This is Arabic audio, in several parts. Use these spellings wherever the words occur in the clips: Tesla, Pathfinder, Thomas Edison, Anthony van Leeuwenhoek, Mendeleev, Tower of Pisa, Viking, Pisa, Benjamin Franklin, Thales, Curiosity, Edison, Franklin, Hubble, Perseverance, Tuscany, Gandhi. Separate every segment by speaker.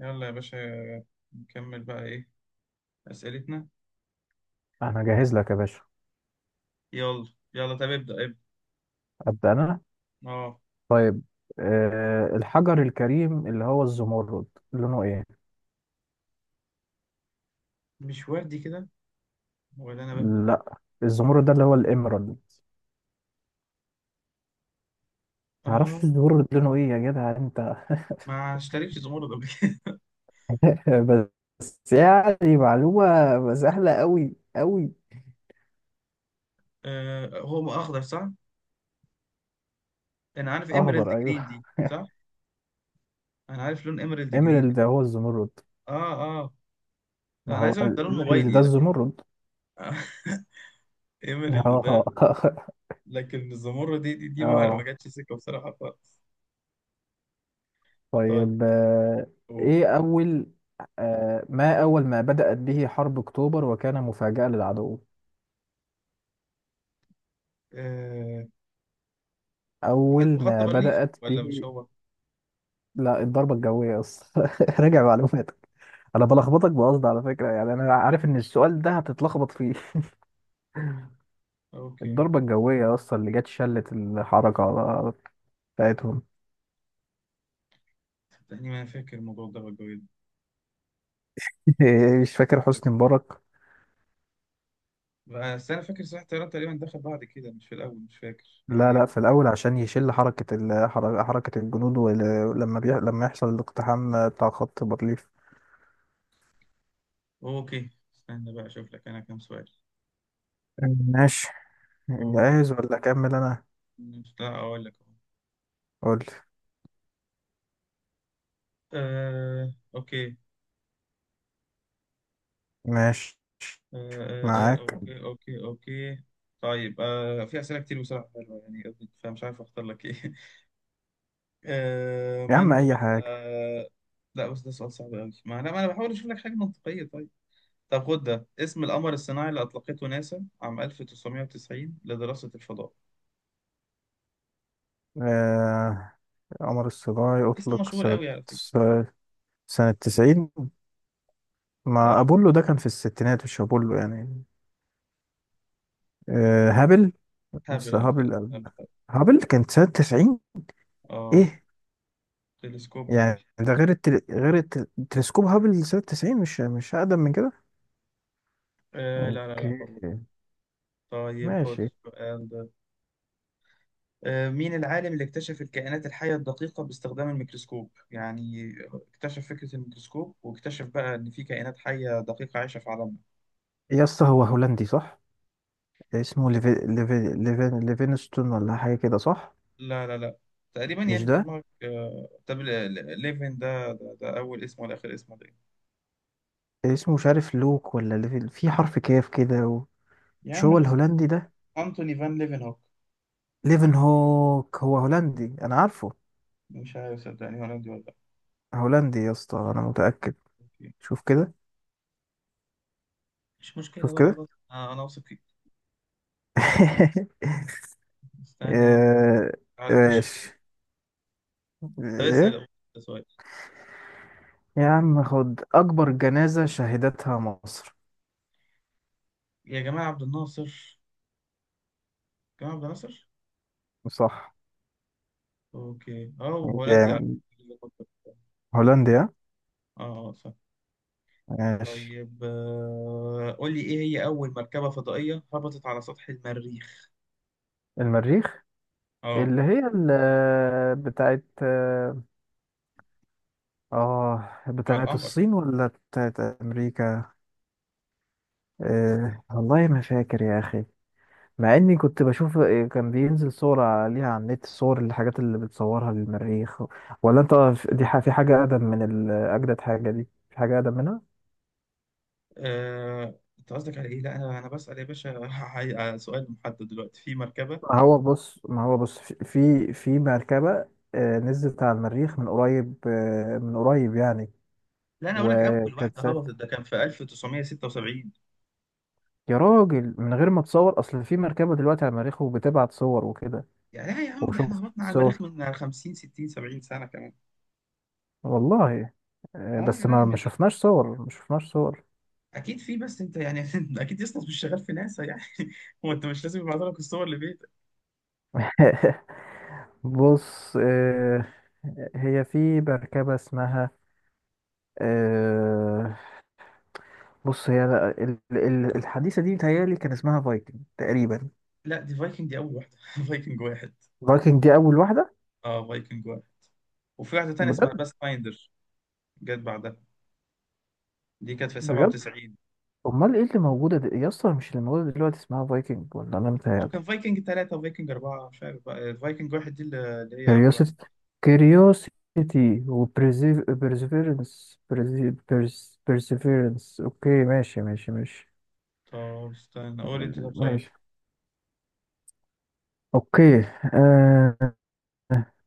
Speaker 1: يلا يا باشا، نكمل بقى ايه اسئلتنا؟
Speaker 2: انا جاهز لك يا باشا.
Speaker 1: يلا. يلا طب ابدا ابدا.
Speaker 2: ابدا انا.
Speaker 1: اه.
Speaker 2: طيب الحجر الكريم اللي هو الزمرد، لونه ايه؟
Speaker 1: مش وادي كده، ولا انا بهبد؟
Speaker 2: لا الزمرد ده اللي هو الإمرالد.
Speaker 1: اه.
Speaker 2: تعرفش الزمرد لونه ايه يا جدع انت؟
Speaker 1: ما اشتريتش زمرد قبل كده.
Speaker 2: بس يعني معلومة سهلة قوي.
Speaker 1: آه، هو اخضر صح؟ انا عارف ايميرالد
Speaker 2: اخضر
Speaker 1: جرين
Speaker 2: ايوه.
Speaker 1: دي، صح. انا عارف لون ايميرالد جرين.
Speaker 2: إمرالد ده هو الزمرد.
Speaker 1: اه. اه.
Speaker 2: ما
Speaker 1: انا
Speaker 2: هو
Speaker 1: عايز اعرف ده لون
Speaker 2: الإمرالد ده
Speaker 1: موبايلي لكن.
Speaker 2: الزمرد.
Speaker 1: ايميرالد ده.
Speaker 2: اه
Speaker 1: لكن الزمرد دي ما
Speaker 2: اه
Speaker 1: جاتش سكه بصراحه خالص. طيب.
Speaker 2: طيب
Speaker 1: قول.
Speaker 2: ايه اول؟ ما أول ما بدأت به حرب أكتوبر وكان مفاجأة للعدو.
Speaker 1: آه
Speaker 2: أول
Speaker 1: حد مخطط
Speaker 2: ما
Speaker 1: برليف
Speaker 2: بدأت
Speaker 1: ولا مش
Speaker 2: به
Speaker 1: هو؟
Speaker 2: لا الضربة الجوية أصلا راجع معلوماتك. أنا بلخبطك بقصد على فكرة، يعني أنا عارف إن السؤال ده هتتلخبط فيه
Speaker 1: اوكي.
Speaker 2: الضربة الجوية أصلا اللي جت شلت الحركة على- بتاعتهم.
Speaker 1: صدقني ما انا فاكر الموضوع ده والجو ده،
Speaker 2: مش فاكر حسني مبارك.
Speaker 1: بس انا فاكر صحيح الطيران تقريبا دخل بعد كده، مش في الاول، مش فاكر
Speaker 2: لا
Speaker 1: يعني.
Speaker 2: لا في الأول عشان يشل حركة ال- حر- حركة الجنود، ولما بيح... لما يحصل الاقتحام بتاع خط بارليف.
Speaker 1: اوكي، استنى بقى اشوف لك انا كام سؤال.
Speaker 2: ماشي.
Speaker 1: أمم،
Speaker 2: جاهز ولا أكمل أنا؟
Speaker 1: لا اقول لك اهو.
Speaker 2: قول.
Speaker 1: اوكي.
Speaker 2: ماشي، معاك.
Speaker 1: اوكي، اوكي، اوكي. طيب، في اسئله كتير بصراحه حلوه يعني، فمش عارف اختار لك ايه. آه،
Speaker 2: يا عم
Speaker 1: من هو
Speaker 2: أي
Speaker 1: ال-
Speaker 2: حاجة.
Speaker 1: آه، لا بس ده سؤال صعب قوي، ما انا بحاول اشوف لك حاجه منطقيه. طيب، طب خد ده اسم القمر الصناعي اللي اطلقته ناسا عام 1990 لدراسه الفضاء.
Speaker 2: آه، عمر السجاي
Speaker 1: اسم
Speaker 2: أطلق
Speaker 1: مشهور قوي
Speaker 2: سنة،
Speaker 1: على فكره.
Speaker 2: سنة 90. مع
Speaker 1: اه،
Speaker 2: أبولو ده كان في الستينات، مش أبولو يعني. هابل.
Speaker 1: هابل.
Speaker 2: أصل
Speaker 1: اه فعلا
Speaker 2: هابل.
Speaker 1: هابل هابل.
Speaker 2: هابل كانت سنة 90.
Speaker 1: اه،
Speaker 2: إيه
Speaker 1: تلسكوب هابل.
Speaker 2: يعني؟ ده غير التل... غير التل... تلسكوب هابل سنة 90، مش مش أقدم من كده.
Speaker 1: آه لا لا لا
Speaker 2: أوكي
Speaker 1: برضه. طيب خد
Speaker 2: ماشي.
Speaker 1: السؤال ده. مين العالم اللي اكتشف الكائنات الحية الدقيقة باستخدام الميكروسكوب؟ يعني اكتشف فكرة الميكروسكوب واكتشف بقى ان في كائنات حية دقيقة عايشة في عالمنا.
Speaker 2: يا اسطى هو هولندي صح؟ اسمه ليفي... ليفي... ليفين... ليفينستون ولا حاجة كده صح؟
Speaker 1: لا لا لا. تقريبا
Speaker 2: مش
Speaker 1: يعني انت
Speaker 2: ده.
Speaker 1: دماغك. طب ليفن ده, ده اول اسمه ولا اخر اسمه ده إيه؟
Speaker 2: اسمه مش عارف، لوك ولا ليفي... في حرف كاف كده و...
Speaker 1: يا
Speaker 2: مش
Speaker 1: عم
Speaker 2: هو
Speaker 1: ده اسمه
Speaker 2: الهولندي ده؟
Speaker 1: انتوني فان ليفن هوك.
Speaker 2: ليفن هوك هو هولندي انا عارفه.
Speaker 1: مش عارف، صدقني، هولندي ولا لا.
Speaker 2: هولندي يا اسطى انا متأكد.
Speaker 1: أوكي.
Speaker 2: شوف كده.
Speaker 1: مش مشكلة
Speaker 2: شوف
Speaker 1: بقى،
Speaker 2: كده.
Speaker 1: خلاص، انا واثق فيك. استنى يعني.
Speaker 2: آه،
Speaker 1: على كشف.
Speaker 2: ماشي.
Speaker 1: طب اسال
Speaker 2: ايه؟
Speaker 1: أبو سؤال.
Speaker 2: يا عم خد، اكبر جنازة شهدتها مصر.
Speaker 1: يا جماعه، عبد الناصر. جماعه عبد الناصر.
Speaker 2: صح.
Speaker 1: اوكي. اه، هولندي على
Speaker 2: جامد.
Speaker 1: فكرة.
Speaker 2: هولنديا.
Speaker 1: اه. صح.
Speaker 2: ماشي.
Speaker 1: طيب، قول لي ايه هي اول مركبه فضائيه هبطت على سطح المريخ؟
Speaker 2: المريخ.
Speaker 1: اه.
Speaker 2: اللي هي ال- بتاعت اه،
Speaker 1: على
Speaker 2: بتاعت
Speaker 1: القمر.
Speaker 2: الصين ولا بتاعت امريكا؟ والله ما فاكر يا اخي. مع اني كنت بشوف، كان بينزل صور عليها على النت، الصور الحاجات اللي بتصورها للمريخ. ولا انت؟ دي ح- في حاجة اقدم من ال- اجدد حاجة، دي في حاجة اقدم منها.
Speaker 1: انت قصدك على ايه؟ لا انا بسال يا باشا على سؤال محدد دلوقتي في مركبه.
Speaker 2: ما هو بص في مركبة نزلت على المريخ من قريب، من قريب يعني.
Speaker 1: لا انا اقول لك اول
Speaker 2: وكانت
Speaker 1: واحده
Speaker 2: سات.
Speaker 1: هبطت ده كان في 1976.
Speaker 2: يا راجل من غير ما تصور، اصل في مركبة دلوقتي على المريخ وبتبعت صور وكده،
Speaker 1: يعني لا يا عم، ده احنا
Speaker 2: وشفت
Speaker 1: هبطنا على المريخ
Speaker 2: صور.
Speaker 1: من 50 60 70 سنه كمان.
Speaker 2: والله
Speaker 1: اه يا
Speaker 2: بس
Speaker 1: راجل
Speaker 2: ما
Speaker 1: من.
Speaker 2: ما شفناش صور، ما شفناش صور.
Speaker 1: اكيد في، بس انت يعني اكيد يسطا مش شغال في ناسا يعني. هو انت مش لازم يبعتوا لك الصور لبيتك.
Speaker 2: بص هي في مركبة اسمها آه، بص، هي ال- ال- الحديثة دي متهيألي كان اسمها فايكنج تقريبا.
Speaker 1: لا دي فايكنج، دي اول واحده. فايكنج واحد.
Speaker 2: فايكنج دي أول واحدة.
Speaker 1: اه فايكنج واحد. وفي واحده تانيه اسمها
Speaker 2: بجد؟
Speaker 1: باث فايندر. جت بعدها. دي كانت في
Speaker 2: بجد؟
Speaker 1: 97.
Speaker 2: أمال إيه اللي موجودة دي يا اسطى؟ مش اللي موجودة دلوقتي اسمها فايكنج ولا أنا متهيألي.
Speaker 1: وكان فايكنج ثلاثة وفايكنج أربعة، مش عارف بقى. فايكنج واحد دي اللي هي أول واحدة.
Speaker 2: كيوريوسيتي. كيوريوسيتي. وبرزيفيرنس. برزيفيرنس. أوكي ماشي ماشي.
Speaker 1: طب استنى
Speaker 2: آه،
Speaker 1: قول أنت. طب سؤال.
Speaker 2: ماشي. أوكي آه،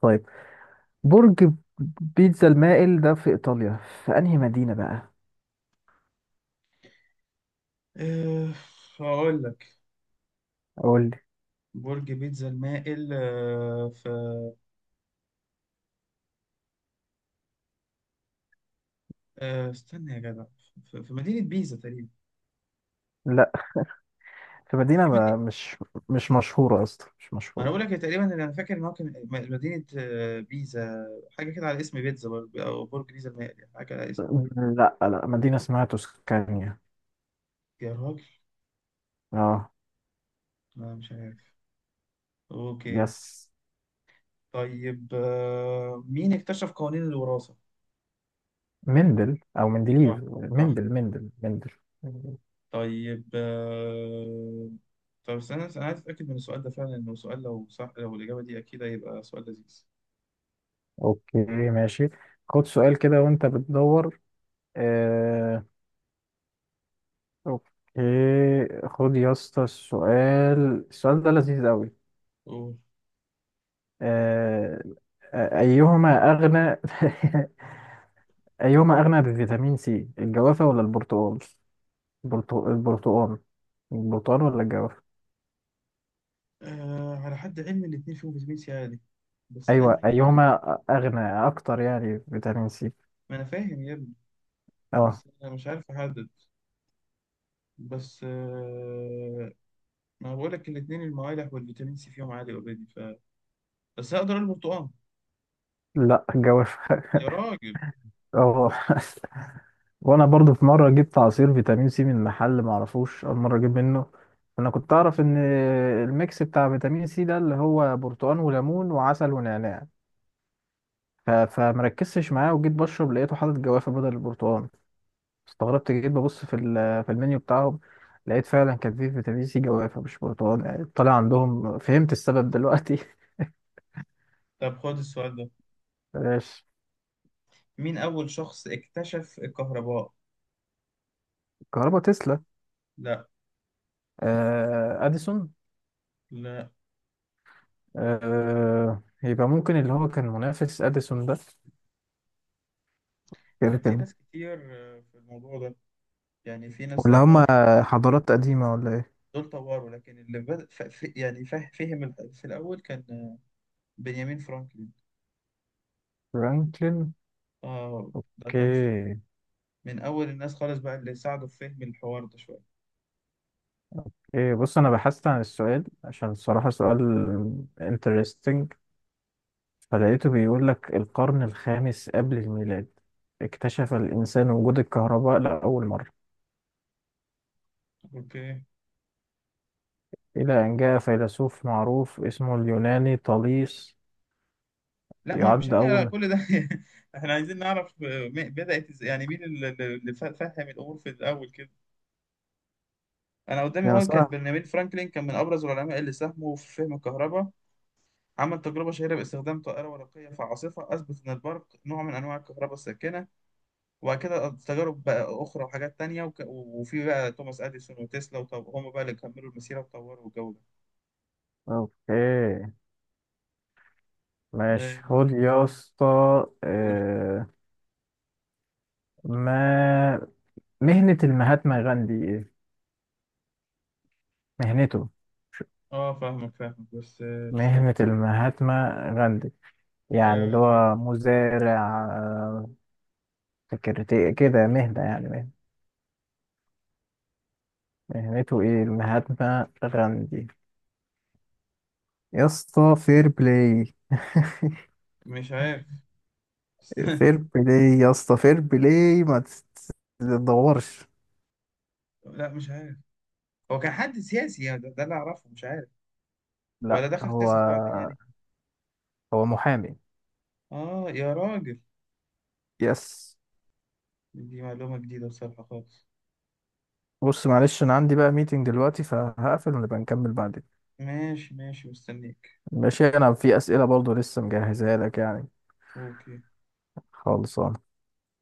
Speaker 2: طيب، برج بيتزا المائل ده في إيطاليا، في أنهي مدينة بقى؟
Speaker 1: أه، هقول لك.
Speaker 2: قول لي.
Speaker 1: برج بيتزا المائل في. استنى يا جدع. في مدينة بيزا تقريبا.
Speaker 2: لا في مدينة
Speaker 1: في مدينة.
Speaker 2: ما- مش، مش مشهورة أصلا، مش
Speaker 1: ما انا
Speaker 2: مشهورة.
Speaker 1: بقول لك تقريبا اللي انا فاكر ان هو كان مدينه، بيزا. حاجه كده على اسم بيتزا برضه، او برج بيزا المائل يعني، حاجه على اسم.
Speaker 2: لا مدينة اسمها توسكانيا.
Speaker 1: يا راجل.
Speaker 2: اه.
Speaker 1: لا مش عارف. اوكي.
Speaker 2: يس.
Speaker 1: طيب، مين اكتشف قوانين الوراثه؟
Speaker 2: مندل أو مندليف،
Speaker 1: صح. صح
Speaker 2: مندل
Speaker 1: صح.
Speaker 2: مندل مندل.
Speaker 1: طيب، طب استنى انا عايز اتاكد من السؤال ده، فعلا انه سؤال، لو صح لو الاجابه دي اكيد هيبقى سؤال لذيذ.
Speaker 2: أوكي ماشي. خد سؤال كده وأنت بتدور. آه. أوكي. خد يا اسطى السؤال، السؤال ده لذيذ أوي.
Speaker 1: قول.
Speaker 2: آه، أيهما أغنى؟ أيهما أغنى بفيتامين سي، الجوافة ولا البرتقال؟ البرتق- البرتقال. البرتقال ولا الجوافة؟
Speaker 1: على حد علمي الاتنين فيهم فيتامين سي عالي، بس
Speaker 2: أيوة
Speaker 1: انا.
Speaker 2: أيهما أغنى أكتر يعني فيتامين سي؟
Speaker 1: ما انا فاهم يا ابني.
Speaker 2: أه
Speaker 1: بس انا مش عارف احدد. بس. ما بقول لك الاثنين، الموالح والفيتامين سي فيهم عالي اوريدي، ف بس هقدر البرتقال.
Speaker 2: لا الجوافة.
Speaker 1: يا راجل.
Speaker 2: أه. وأنا برضو في مرة جبت عصير فيتامين سي من محل معرفوش، أول مرة أجيب منه. أنا كنت أعرف إن الميكس بتاع فيتامين سي ده اللي هو برتقال وليمون وعسل ونعناع. ف- فمركزتش معاه، وجيت بشرب لقيته حاطط جوافة بدل البرتقال. استغربت، جيت ببص في ال- في المنيو بتاعهم، لقيت فعلا كان فيه فيتامين سي جوافة مش برتقال، يعني طالع عندهم. فهمت السبب دلوقتي
Speaker 1: طب خد السؤال ده.
Speaker 2: بلاش.
Speaker 1: مين اول شخص اكتشف الكهرباء؟
Speaker 2: كهربا، تسلا.
Speaker 1: لا.
Speaker 2: آه اديسون.
Speaker 1: لا.
Speaker 2: آه يبقى ممكن اللي هو كان منافس اديسون ده. كده
Speaker 1: كان في
Speaker 2: كده.
Speaker 1: ناس كتير في الموضوع ده. يعني في ناس
Speaker 2: ولا
Speaker 1: تعتبر
Speaker 2: هما حضارات قديمة ولا ايه؟
Speaker 1: دول طوروا، لكن اللي بدأ فهم في الاول كان بنيامين فرانكلين.
Speaker 2: فرانكلين.
Speaker 1: اه، ده كان في.
Speaker 2: اوكي.
Speaker 1: من اول الناس خالص بقى اللي ساعدوا في فهم الحوار ده شويه.
Speaker 2: ايه بص، انا بحثت عن السؤال عشان الصراحة سؤال interesting، فلقيته بيقول لك القرن الخامس قبل الميلاد اكتشف الإنسان وجود الكهرباء لأول مرة،
Speaker 1: اوكي.
Speaker 2: إلى أن جاء فيلسوف معروف اسمه اليوناني طاليس
Speaker 1: لا، ما مش
Speaker 2: يعد
Speaker 1: احنا
Speaker 2: أول.
Speaker 1: كل ده. احنا عايزين نعرف، بدأت ازاي، يعني مين اللي فهم الامور في الاول كده. انا قدامي
Speaker 2: ده انا
Speaker 1: هو كان
Speaker 2: صح.
Speaker 1: بنيامين فرانكلين، كان من ابرز العلماء اللي ساهموا في فهم الكهرباء. عمل تجربة شهيرة باستخدام طائرة ورقية في عاصفة، أثبت إن البرق نوع من أنواع الكهرباء الساكنة. وبعد كده تجارب بقى أخرى وحاجات تانية، وفي بقى توماس أديسون وتسلا هم بقى اللي كملوا المسيرة وطوروا الجو ده.
Speaker 2: أوكي ماشي.
Speaker 1: آه،
Speaker 2: خد يا اسطى
Speaker 1: قول.
Speaker 2: آه، ما مهنة المهاتما غاندي إيه؟ مهنته ش-
Speaker 1: اه، فاهمك فاهمك بس. استنى.
Speaker 2: مهنة المهاتما غاندي، يعني اللي
Speaker 1: آه،
Speaker 2: هو مزارع، سكرتير كده، مهنة يعني مهنة. مهنته ايه المهاتما غاندي؟ يا اسطى فير بلاي.
Speaker 1: مش عارف. استنى.
Speaker 2: فير بلاي يا اسطى فير بلاي، ما تت- تدورش.
Speaker 1: لا مش عارف. هو كان حد سياسي يعني، ده اللي اعرفه، مش عارف
Speaker 2: لا
Speaker 1: ولا دخل
Speaker 2: هو،
Speaker 1: سياسة بعدين يعني.
Speaker 2: هو محامي.
Speaker 1: اه يا راجل.
Speaker 2: يس.
Speaker 1: دي معلومة جديدة بصراحة خالص.
Speaker 2: بص معلش انا عندي بقى ميتنج دلوقتي، فهقفل ونبقى نكمل بعدين.
Speaker 1: ماشي ماشي، مستنيك.
Speaker 2: ماشي. انا في اسئله برضو لسه مجهزها لك يعني.
Speaker 1: اوكي.
Speaker 2: خالص.